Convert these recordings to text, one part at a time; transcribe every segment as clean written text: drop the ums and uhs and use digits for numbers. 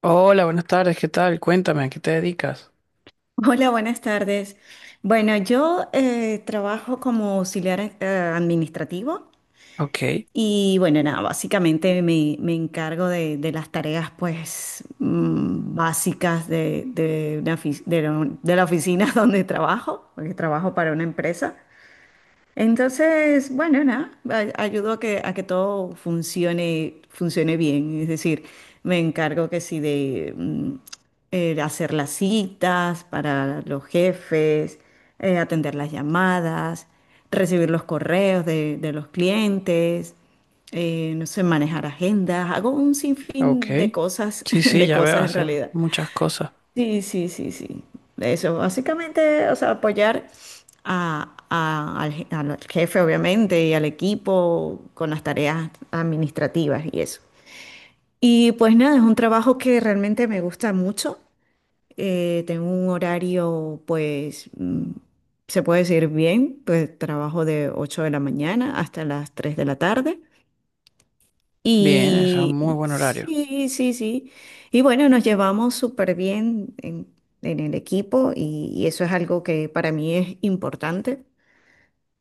Hola, buenas tardes, ¿qué tal? Cuéntame, ¿a qué te dedicas? Hola, buenas tardes. Bueno, yo trabajo como auxiliar administrativo Ok, y bueno, nada, básicamente me encargo de las tareas pues básicas de una de la oficina donde trabajo, porque trabajo para una empresa. Entonces, bueno, nada, ayudo a que todo funcione, funcione bien. Es decir, me encargo que sí de hacer las citas para los jefes, atender las llamadas, recibir los correos de los clientes, no sé, manejar agendas. Hago un ok. sinfín de cosas, Sí, sí, de ya veo, cosas en hace realidad. muchas cosas. Sí, sí, sí, sí. Eso, básicamente, o sea, apoyar al jefe, obviamente, y al equipo con las tareas administrativas y eso. Y pues nada, es un trabajo que realmente me gusta mucho. Tengo un horario, pues, mm, se puede decir bien, pues trabajo de 8 de la mañana hasta las 3 de la tarde. Bien, eso es un muy Y buen horario. sí, sí, sí. Y bueno, nos llevamos súper bien en el equipo y eso es algo que para mí es importante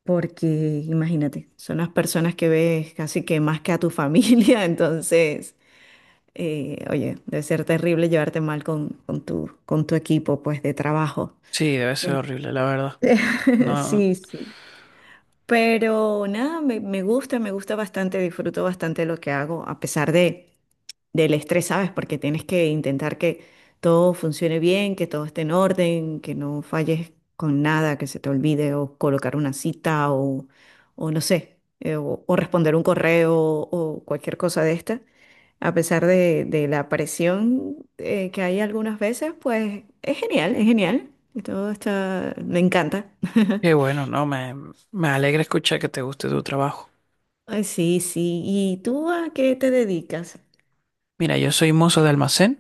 porque imagínate, son las personas que ves casi que más que a tu familia, entonces, oye, debe ser terrible llevarte mal con tu equipo pues de trabajo. Sí, debe ser En- horrible, la verdad. No, Sí, sí. Pero nada, me gusta bastante, disfruto bastante lo que hago, a pesar de... del estrés, ¿sabes? Porque tienes que intentar que todo funcione bien, que todo esté en orden, que no falles con nada, que se te olvide o colocar una cita o no sé, o responder un correo o cualquier cosa de esta. A pesar de la presión que hay algunas veces, pues es genial, es genial. Y todo está, me encanta. qué bueno, no, me alegra escuchar que te guste tu trabajo. Ay, sí, sí. ¿Y tú a qué te dedicas? Mira, yo soy mozo de almacén,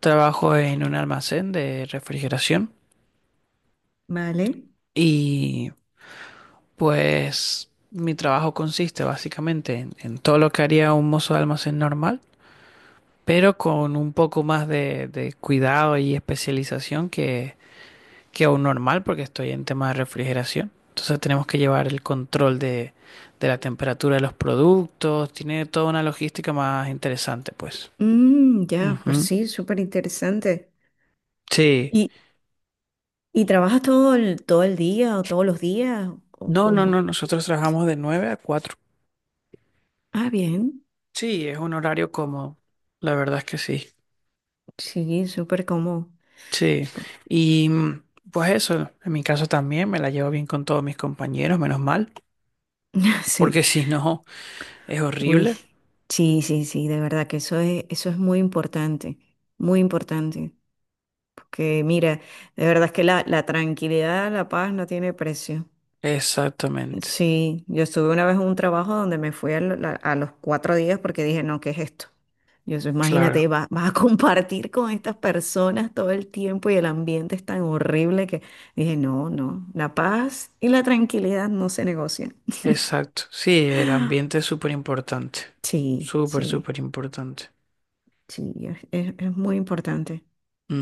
trabajo en un almacén de refrigeración Vale. y pues mi trabajo consiste básicamente en todo lo que haría un mozo de almacén normal pero con un poco más de cuidado y especialización que un normal, porque estoy en temas de refrigeración. Entonces tenemos que llevar el control de la temperatura de los productos, tiene toda una logística más interesante, pues. Mm, ya, pero Ujú. sí, súper interesante. Sí. ¿Y, y trabajas todo el día o todos los días? ¿O No, no, cómo? no, nosotros trabajamos de 9 a cuatro. Ah, bien. Sí, es un horario cómodo, la verdad es que sí. Sí, súper cómodo. Sí, Por- y pues eso, en mi caso también me la llevo bien con todos mis compañeros, menos mal, porque Sí. si no es Uy, horrible. sí, sí, sí, de verdad que eso es muy importante, muy importante. Porque mira, de verdad es que la tranquilidad, la paz no tiene precio. Exactamente, Sí, yo estuve una vez en un trabajo donde me fui a, la- a los 4 días porque dije, no, ¿qué es esto? Yo soy, imagínate, claro, va- vas a compartir con estas personas todo el tiempo y el ambiente es tan horrible que dije, no, no, la paz y la tranquilidad no se negocian. exacto. Sí, el ambiente es súper importante, Sí, súper, sí, súper importante. sí, es, es muy importante,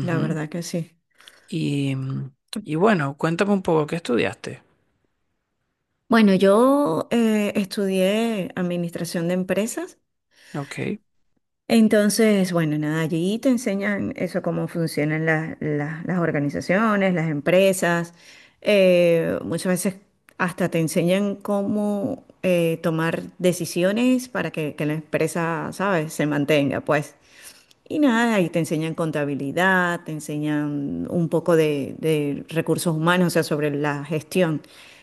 la verdad que sí. Y, y bueno, cuéntame un poco, ¿qué estudiaste? Bueno, yo estudié administración de empresas. Ok, Entonces, bueno, nada, allí te enseñan eso, cómo funcionan las, las organizaciones, las empresas. Muchas veces hasta te enseñan cómo tomar decisiones para que la empresa, ¿sabes?, se mantenga, pues. Y nada, y te enseñan contabilidad, te enseñan un poco de recursos humanos, o sea, sobre la gestión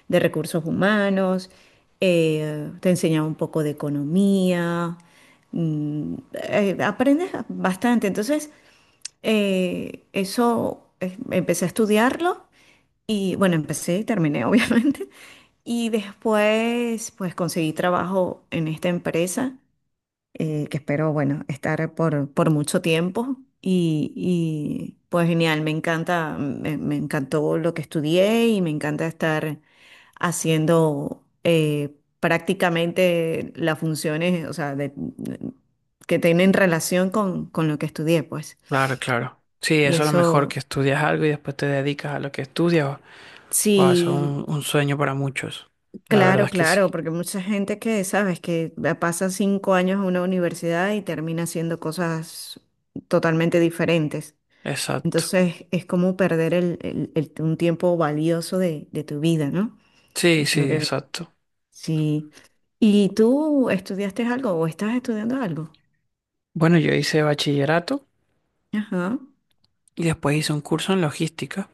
de recursos humanos, te enseñan un poco de economía, mm, aprendes bastante. Entonces, eso empecé a estudiarlo y bueno, empecé y terminé, obviamente. Y después, pues conseguí trabajo en esta empresa que espero, bueno, estar por mucho tiempo. Y, pues genial, me encanta, me encantó lo que estudié y me encanta estar haciendo prácticamente las funciones, o sea, de- que tienen relación con lo que estudié, pues. claro, claro. Sí, Y eso es lo mejor, que eso, estudias algo y después te dedicas a lo que estudias. Wow, eso es sí, un sueño para muchos. La verdad claro, es que sí, claro, porque mucha gente que, sabes, que pasa 5 años en una universidad y termina haciendo cosas totalmente diferentes. exacto. Entonces es como perder el, un tiempo valioso de tu vida, ¿no? Sí, Es lo sí, que exacto. sí. ¿Y tú estudiaste algo o estás estudiando algo? Bueno, yo hice bachillerato Ajá, y después hice un curso en logística.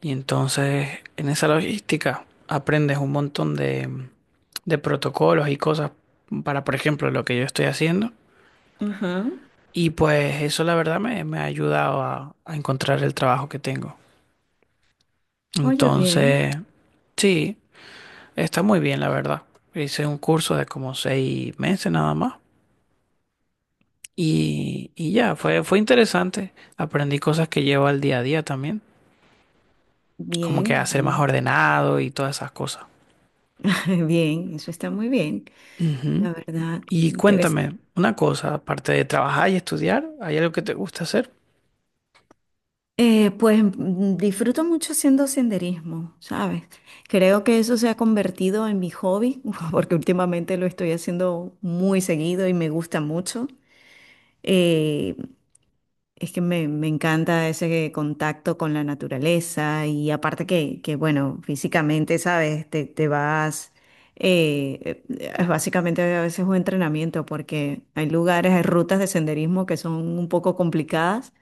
Y entonces en esa logística aprendes un montón de protocolos y cosas para, por ejemplo, lo que yo estoy haciendo. ajá. Y pues eso la verdad me ha ayudado a encontrar el trabajo que tengo. Oye, bien, Entonces, sí, está muy bien la verdad. Hice un curso de como seis meses nada más. Y ya, fue interesante. Aprendí cosas que llevo al día a día también, como bien, que a ser más bien, ordenado y todas esas cosas. bien, eso está muy bien, Ujú. la verdad, Y me interesa. cuéntame una cosa, aparte de trabajar y estudiar, ¿hay algo que te gusta hacer? Pues mm, disfruto mucho haciendo senderismo, ¿sabes? Creo que eso se ha convertido en mi hobby, porque últimamente lo estoy haciendo muy seguido y me gusta mucho. Eh, Es que me encanta ese contacto con la naturaleza y aparte que bueno, físicamente, ¿sabes? Te vas, es básicamente a veces un entrenamiento porque hay lugares, hay rutas de senderismo que son un poco complicadas,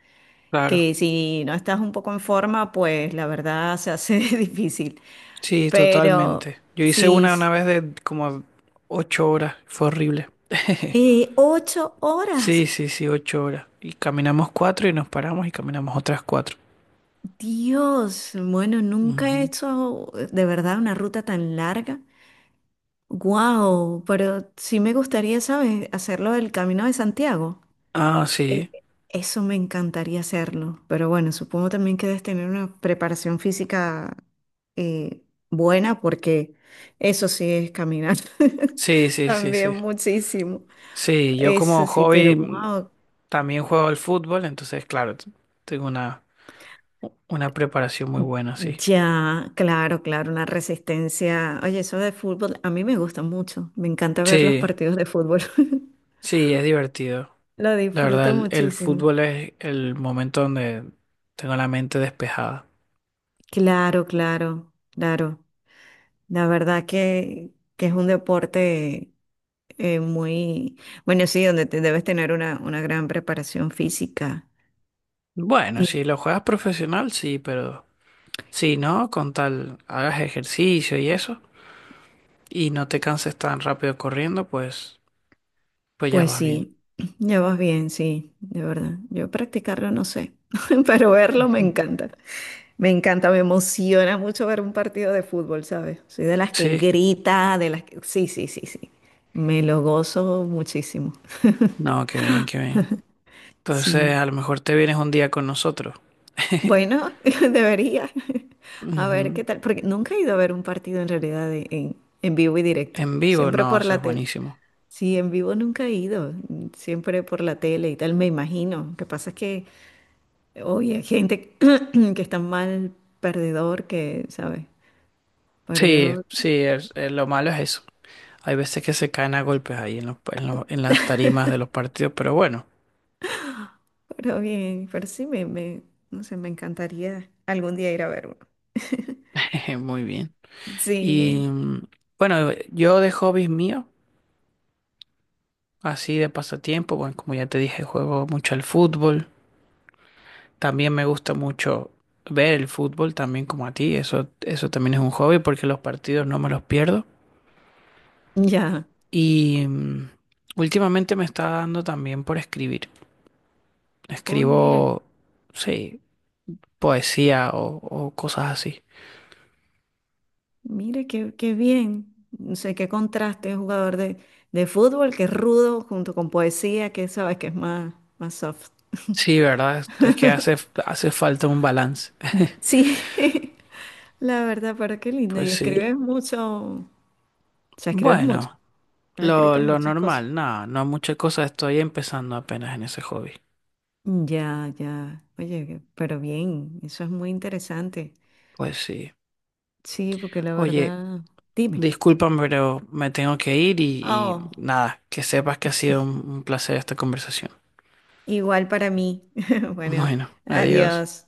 Claro, que si no estás un poco en forma, pues la verdad se hace difícil. sí, Pero totalmente. Yo hice sí, sí. una vez de como ocho horas, fue horrible. Eh, 8 horas. Sí, sí, sí, ocho horas. Y caminamos cuatro y nos paramos y caminamos otras cuatro. Dios, bueno, nunca he Ujú. hecho de verdad una ruta tan larga. Wow, pero sí me gustaría, ¿sabes? Hacerlo del Camino de Santiago. Ah, sí, E- Eso me encantaría hacerlo. Pero bueno, supongo también que debes tener una preparación física eh, buena porque eso sí es caminar. sí, sí, sí, También sí. muchísimo. Sí, yo como Eso sí, pero hobby wow. también juego al fútbol, entonces, claro, tengo una preparación muy buena, sí. Ya, claro, claro, una resistencia. Oye, eso de fútbol a mí me gusta mucho. Me encanta ver los Sí, partidos de fútbol. sí, es divertido. Lo La verdad, disfruto el muchísimo. fútbol es el momento donde tengo la mente despejada. Claro, claro, claro. La verdad que es un deporte eh, muy, bueno, sí, donde te debes tener una gran preparación física. Bueno, si Y lo juegas profesional, sí, pero si no, con tal hagas ejercicio y eso, y no te canses tan rápido corriendo, pues, pues ya pues vas bien. sí, ya vas bien, sí, de verdad. Yo practicarlo no sé, pero verlo me Ujú. encanta. Me encanta, me emociona mucho ver un partido de fútbol, ¿sabes? Soy de las que Sí, grita, de las que... Sí, sí, sí, sí. Me lo gozo muchísimo. no, qué bien, qué bien. Entonces, Sí. a lo mejor te vienes un día con nosotros. Bueno, debería. A ver Ujú. qué tal, porque nunca he ido a ver un partido en realidad de- en vivo y directo, En vivo, siempre no, por eso es la tele. buenísimo. Sí, en vivo nunca he ido, siempre por la tele y tal, me imagino. Lo que pasa es que hoy hay gente que está mal perdedor, que, ¿sabes? Pero Sí, yo, sí, lo malo es eso. Hay veces que se caen a golpes ahí en los, en las tarimas de los partidos, pero bueno. pero bien, pero sí, me, no sé, me encantaría algún día ir a ver uno. Jeje, muy bien. Y Sí, bueno, yo de hobbies míos, así de pasatiempo, bueno, como ya te dije, juego mucho al fútbol. También me gusta mucho ver el fútbol, también como a ti. Eso también es un hobby porque los partidos no me los pierdo. ya. Y últimamente me está dando también por escribir. Hoy, mira. Escribo, sí, poesía o cosas así. Mira, qué, qué bien. No sé qué contraste, un jugador de fútbol que es rudo junto con poesía, que sabes que es más, más soft. Sí, ¿verdad? Es que hace, hace falta un balance. Mm, sí, la verdad, pero qué lindo. Pues Y escribes sí. mucho, o sea, escribes mucho. Bueno. Has escrito Lo muchas cosas. normal, nada, no muchas cosas, estoy empezando apenas en ese hobby. Ya, ya. Oye, que- pero bien, eso es muy interesante. Pues sí. Sí, porque la Oye, verdad, dime. discúlpame, pero me tengo que ir y Oh, nada, que sepas que ha sido un placer esta conversación. igual para mí. Bueno, Bueno, adiós. adiós.